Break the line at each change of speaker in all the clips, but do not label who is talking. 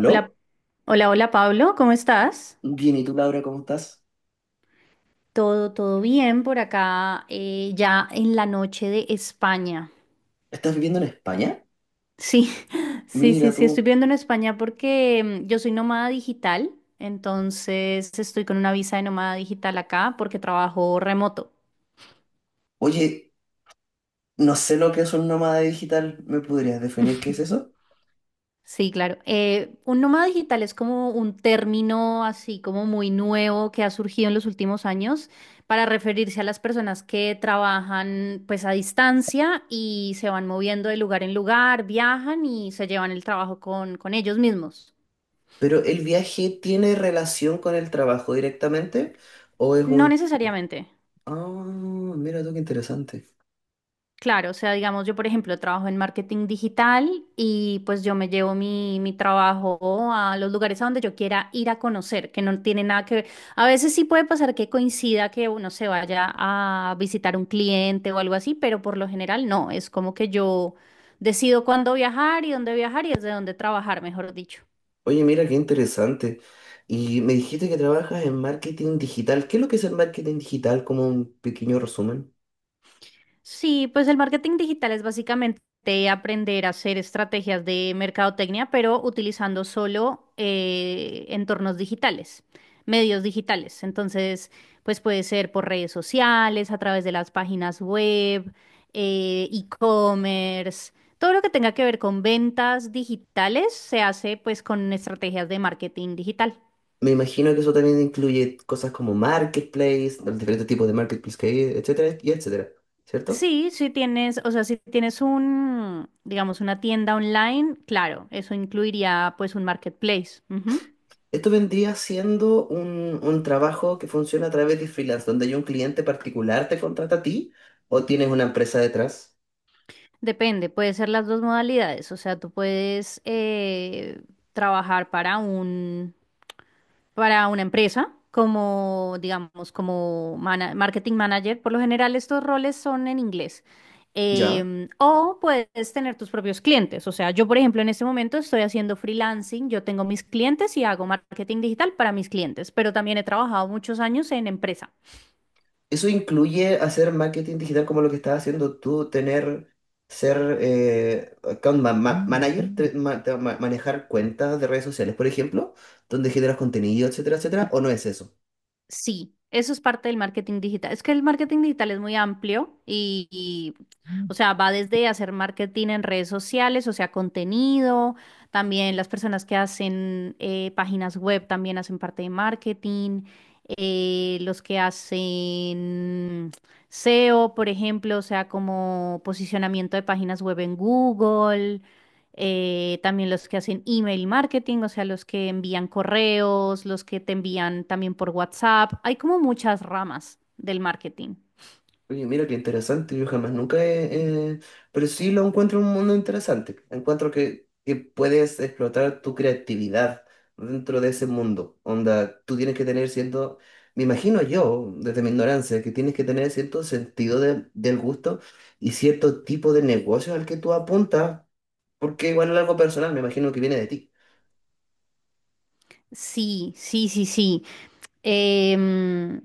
Hola, hola, hola Pablo, ¿cómo estás?
Bien, ¿y tú, Laura, cómo estás?
Todo bien por acá, ya en la noche de España.
¿Estás viviendo en España?
Sí, sí, sí,
Mira
sí,
tú.
estoy viendo en España porque yo soy nómada digital, entonces estoy con una visa de nómada digital acá porque trabajo remoto.
Oye, no sé lo que es un nómada digital. ¿Me podrías definir qué es eso?
Sí, claro. Un nómada digital es como un término así como muy nuevo que ha surgido en los últimos años para referirse a las personas que trabajan pues a distancia y se van moviendo de lugar en lugar, viajan y se llevan el trabajo con ellos mismos.
¿Pero el viaje tiene relación con el trabajo directamente? ¿O es
No
un...
necesariamente.
Ah, mira tú, qué interesante.
Claro, o sea, digamos, yo por ejemplo trabajo en marketing digital y pues yo me llevo mi trabajo a los lugares a donde yo quiera ir a conocer, que no tiene nada que ver. A veces sí puede pasar que coincida que uno se vaya a visitar un cliente o algo así, pero por lo general no, es como que yo decido cuándo viajar y dónde viajar y desde dónde trabajar, mejor dicho.
Oye, mira, qué interesante. Y me dijiste que trabajas en marketing digital. ¿Qué es lo que es el marketing digital? Como un pequeño resumen.
Sí, pues el marketing digital es básicamente aprender a hacer estrategias de mercadotecnia, pero utilizando solo entornos digitales, medios digitales. Entonces, pues puede ser por redes sociales, a través de las páginas web, e-commerce, todo lo que tenga que ver con ventas digitales se hace pues con estrategias de marketing digital.
Me imagino que eso también incluye cosas como marketplace, los diferentes tipos de marketplace que hay, etcétera, y etcétera, ¿cierto?
Sí, si tienes, o sea, si tienes un, digamos, una tienda online, claro, eso incluiría pues un marketplace. Ujú.
Esto vendría siendo un trabajo que funciona a través de freelance, donde hay un cliente particular te contrata a ti o tienes una empresa detrás,
Depende, puede ser las dos modalidades, o sea, tú puedes trabajar para un, para una empresa, como, digamos, como marketing manager. Por lo general, estos roles son en inglés.
¿ya?
O puedes tener tus propios clientes. O sea, yo, por ejemplo, en este momento estoy haciendo freelancing, yo tengo mis clientes y hago marketing digital para mis clientes, pero también he trabajado muchos años en empresa.
Eso incluye hacer marketing digital como lo que estás haciendo tú, tener, ser account manager, manejar cuentas de redes sociales, por ejemplo, donde generas contenido, etcétera, etcétera, ¿o no es eso?
Sí, eso es parte del marketing digital. Es que el marketing digital es muy amplio y, o sea, va desde hacer marketing en redes sociales, o sea, contenido, también las personas que hacen páginas web también hacen parte de marketing, los que hacen SEO, por ejemplo, o sea, como posicionamiento de páginas web en Google también los que hacen email marketing, o sea, los que envían correos, los que te envían también por WhatsApp. Hay como muchas ramas del marketing.
Oye, mira qué interesante, yo jamás nunca he... pero sí lo encuentro un mundo interesante. Encuentro que puedes explotar tu creatividad dentro de ese mundo. Onda, tú tienes que tener cierto... Me imagino yo, desde mi ignorancia, que tienes que tener cierto sentido del gusto y cierto tipo de negocio al que tú apuntas, porque igual es algo personal, me imagino que viene de ti.
Sí, sí, sí, sí. Em,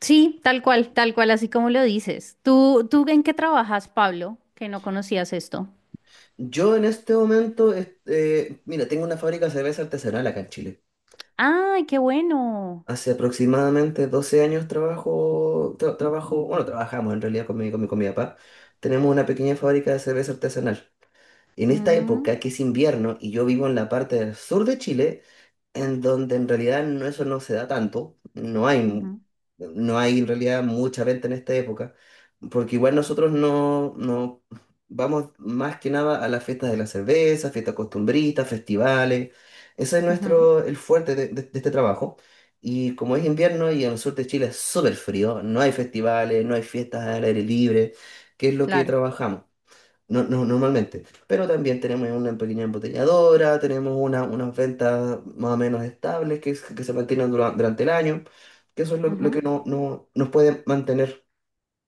sí, tal cual, así como lo dices. ¿Tú en qué trabajas, Pablo? Que no conocías esto.
Yo en este momento, mira, tengo una fábrica de cerveza artesanal acá en Chile.
¡Ay, qué bueno!
Hace aproximadamente 12 años trabajo, trabajo, bueno, trabajamos en realidad con mi papá. Tenemos una pequeña fábrica de cerveza artesanal. En esta
Mm,
época, que es invierno y yo vivo en la parte del sur de Chile, en donde en realidad no, eso no se da tanto, no hay,
ujú,
no hay en realidad mucha venta en esta época, porque igual nosotros no, no vamos más que nada a las fiestas de la cerveza, fiestas costumbristas, festivales, ese es
ujú,
nuestro, el fuerte de este trabajo, y como es invierno y en el sur de Chile es súper frío, no hay festivales, no hay fiestas al aire libre, que es lo que
claro.
trabajamos. No, no, normalmente. Pero también tenemos una pequeña embotelladora, tenemos unas ventas más o menos estables que, que se mantienen durante el año, que eso es lo
Ujú.
que no, no, nos puede mantener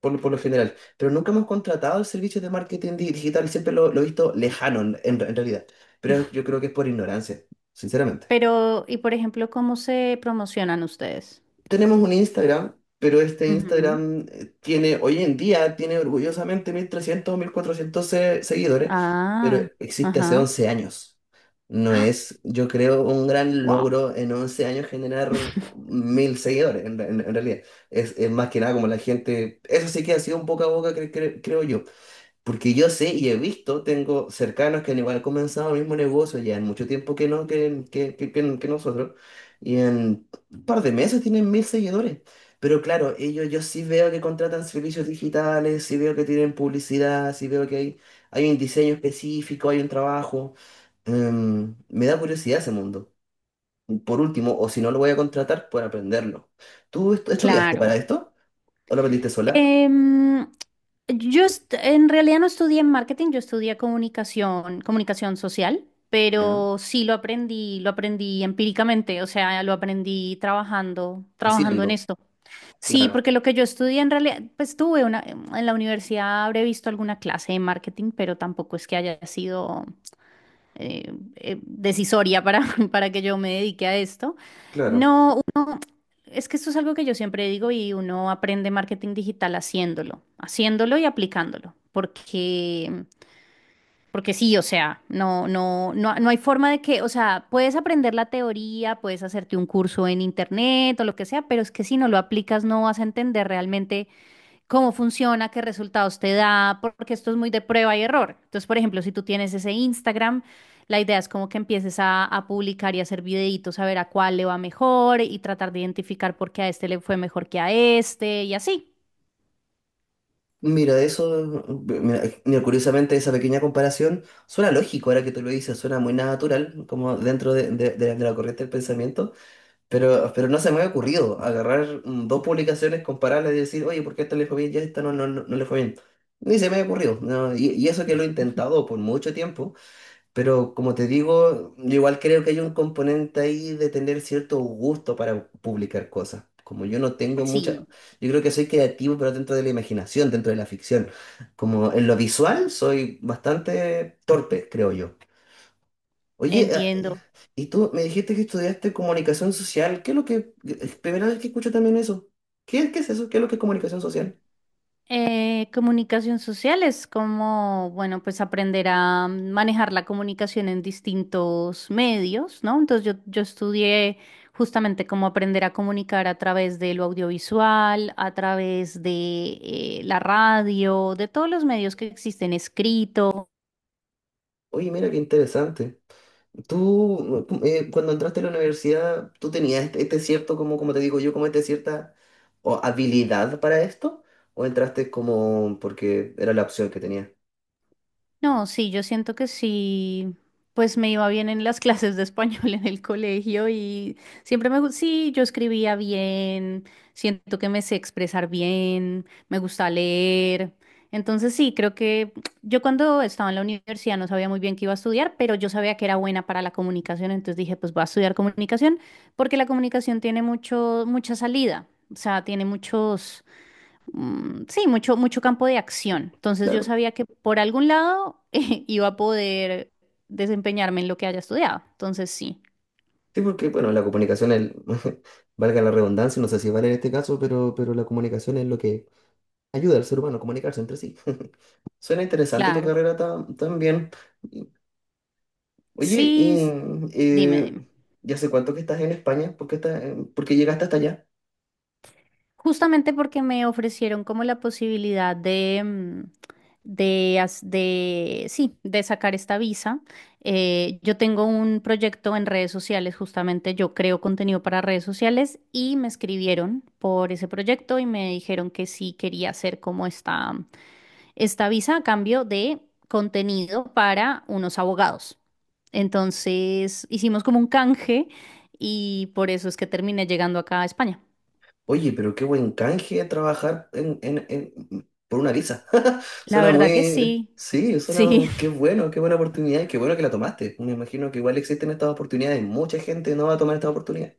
por, por lo general. Pero nunca hemos contratado servicios de marketing digital, siempre lo he visto lejano en, en realidad. Pero yo creo que es por ignorancia, sinceramente.
Pero, y por ejemplo, ¿cómo se promocionan ustedes?
Tenemos un Instagram, pero este
Ujú.
Instagram tiene, hoy en día, tiene orgullosamente 1.300 o 1.400 seguidores, pero
Ah,
existe hace
ajá.
11 años. No es, yo creo, un gran
Wow.
logro en 11 años generar 1.000 seguidores, en, en realidad. Es más que nada como la gente, eso sí que ha sido un poco a boca, creo yo. Porque yo sé y he visto, tengo cercanos que han igual comenzado el mismo negocio, ya en mucho tiempo que no, que nosotros, y en un par de meses tienen 1.000 seguidores. Pero claro, ellos yo sí veo que contratan servicios digitales, sí veo que tienen publicidad, sí veo que hay un diseño específico, hay un trabajo. Em, me da curiosidad ese mundo. Por último, o si no lo voy a contratar, por aprenderlo. ¿Tú estudiaste para
Claro.
esto? ¿O lo aprendiste sola?
Em, yo en realidad no estudié marketing, yo estudié comunicación, comunicación social,
Ya.
pero sí lo aprendí empíricamente, o sea, lo aprendí trabajando, trabajando en
Haciendo.
esto. Sí,
Claro,
porque lo que yo estudié en realidad, pues tuve una, en la universidad habré visto alguna clase de marketing, pero tampoco es que haya sido decisoria para, para que yo me dedique a esto.
claro.
No, es que esto es algo que yo siempre digo y uno aprende marketing digital haciéndolo, haciéndolo y aplicándolo, porque sí, o sea, no, no, no, no hay forma de que, o sea, puedes aprender la teoría, puedes hacerte un curso en internet o lo que sea, pero es que si no lo aplicas no vas a entender realmente cómo funciona, qué resultados te da, porque esto es muy de prueba y error. Entonces, por ejemplo, si tú tienes ese Instagram, la idea es como que empieces a publicar y hacer videitos, a ver a cuál le va mejor y tratar de identificar por qué a este le fue mejor que a este y así.
Mira, eso, mira, mira, curiosamente esa pequeña comparación suena lógico ahora que tú lo dices, suena muy natural, como dentro de, de la corriente del pensamiento, pero no se me ha ocurrido agarrar dos publicaciones, compararlas y decir, oye, ¿por qué a esta le fue bien y a esta no, no le fue bien? Ni se me ha ocurrido, no, y eso que lo he intentado por mucho tiempo, pero como te digo, yo igual creo que hay un componente ahí de tener cierto gusto para publicar cosas. Como yo no tengo
Sí,
mucha, yo creo que soy creativo, pero dentro de la imaginación, dentro de la ficción. Como en lo visual soy bastante torpe, creo yo. Oye, ah,
entiendo.
y tú me dijiste que estudiaste comunicación social. ¿Qué es lo que... es primera vez que escucho también eso. ¿Qué, qué es eso? ¿Qué es lo que es comunicación social?
Comunicación social es como, bueno, pues aprender a manejar la comunicación en distintos medios, ¿no? Entonces yo estudié justamente cómo aprender a comunicar a través de lo audiovisual, a través de la radio, de todos los medios que existen escritos.
Oye, mira qué interesante. Tú, cuando entraste a la universidad, ¿tú tenías este cierto, como, como te digo yo, como este cierta o, habilidad para esto? ¿O entraste como porque era la opción que tenías?
No, sí, yo siento que sí, pues me iba bien en las clases de español en el colegio y sí, yo escribía bien, siento que me sé expresar bien, me gusta leer. Entonces sí, creo que yo cuando estaba en la universidad no sabía muy bien qué iba a estudiar, pero yo sabía que era buena para la comunicación, entonces dije, pues voy a estudiar comunicación, porque la comunicación tiene mucho, mucha salida, o sea, tiene muchos sí, mucho, mucho campo de acción. Entonces yo
Claro.
sabía que por algún lado iba a poder desempeñarme en lo que haya estudiado. Entonces sí,
Sí, porque, bueno, la comunicación, el, valga la redundancia, no sé si vale en este caso, pero la comunicación es lo que ayuda al ser humano a comunicarse entre sí. Suena interesante tu
claro.
carrera también. Y- Oye,
Sí,
y,
dime,
eh,
dime.
¿ya hace cuánto que estás en España? ¿Por qué, por qué llegaste hasta allá?
Justamente porque me ofrecieron como la posibilidad de, mm, de, sí, de sacar esta visa. Yo tengo un proyecto en redes sociales, justamente yo creo contenido para redes sociales y me escribieron por ese proyecto y me dijeron que sí quería hacer como esta visa a cambio de contenido para unos abogados. Entonces hicimos como un canje y por eso es que terminé llegando acá a España.
Oye, pero qué buen canje trabajar en, por una visa.
La
Suena
verdad que
muy...
sí,
Sí, suena...
sí.
Qué bueno, qué buena oportunidad y qué bueno que la tomaste. Me imagino que igual existen estas oportunidades. Mucha gente no va a tomar esta oportunidad.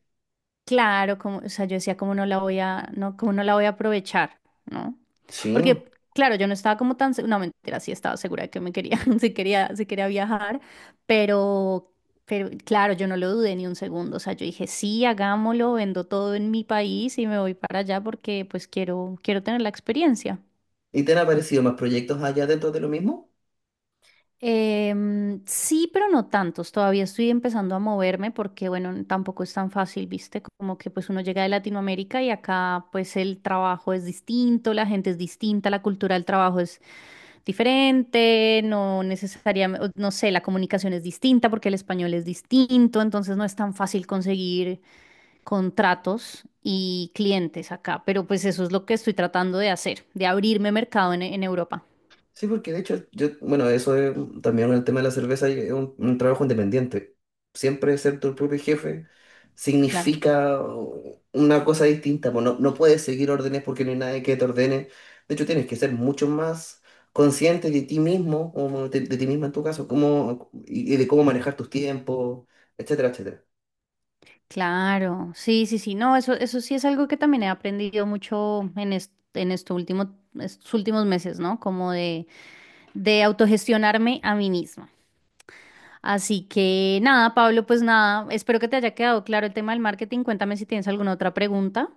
Claro, como, o sea, yo decía, ¿cómo no la voy a, no, cómo no la voy a aprovechar, ¿no?
Sí.
Porque, claro, yo no estaba como tan, se- no, mentira, sí estaba segura de que me quería, sí quería viajar, pero, claro, yo no lo dudé ni un segundo, o sea, yo dije, sí, hagámoslo, vendo todo en mi país y me voy para allá porque, pues, quiero, quiero tener la experiencia.
¿Y te han aparecido más proyectos allá dentro de lo mismo?
Sí, pero no tantos. Todavía estoy empezando a moverme porque, bueno, tampoco es tan fácil, ¿viste? Como que pues uno llega de Latinoamérica y acá pues el trabajo es distinto, la gente es distinta, la cultura del trabajo es diferente, no necesariamente, no sé, la comunicación es distinta porque el español es distinto, entonces no es tan fácil conseguir contratos y clientes acá, pero pues eso es lo que estoy tratando de hacer, de abrirme mercado en Europa.
Sí, porque de hecho, yo, bueno, eso es también con el tema de la cerveza, y es un trabajo independiente. Siempre ser tu propio jefe
Claro.
significa una cosa distinta, pues no, no puedes seguir órdenes porque no hay nadie que te ordene. De hecho, tienes que ser mucho más consciente de ti mismo, o de ti misma en tu caso, cómo, y de cómo manejar tus tiempos, etcétera, etcétera.
Claro, sí, sí, sí, no, eso sí es algo que también he aprendido mucho en estos últimos meses, ¿no? Como de autogestionarme a mí misma. Así que nada, Pablo, pues nada, espero que te haya quedado claro el tema del marketing. Cuéntame si tienes alguna otra pregunta.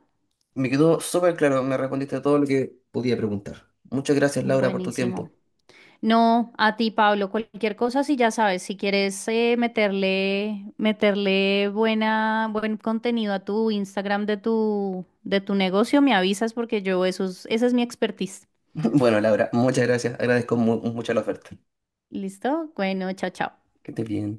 Me quedó súper claro, me respondiste a todo lo que podía preguntar. Muchas gracias, Laura, por tu
Buenísimo.
tiempo.
No, a ti, Pablo, cualquier cosa, si ya sabes, si quieres meterle buen contenido a tu Instagram de tu negocio, me avisas porque yo eso es, esa es mi expertise.
Bueno, Laura, muchas gracias. Agradezco mucho la oferta.
¿Listo? Bueno, chao, chao.
Que estés bien.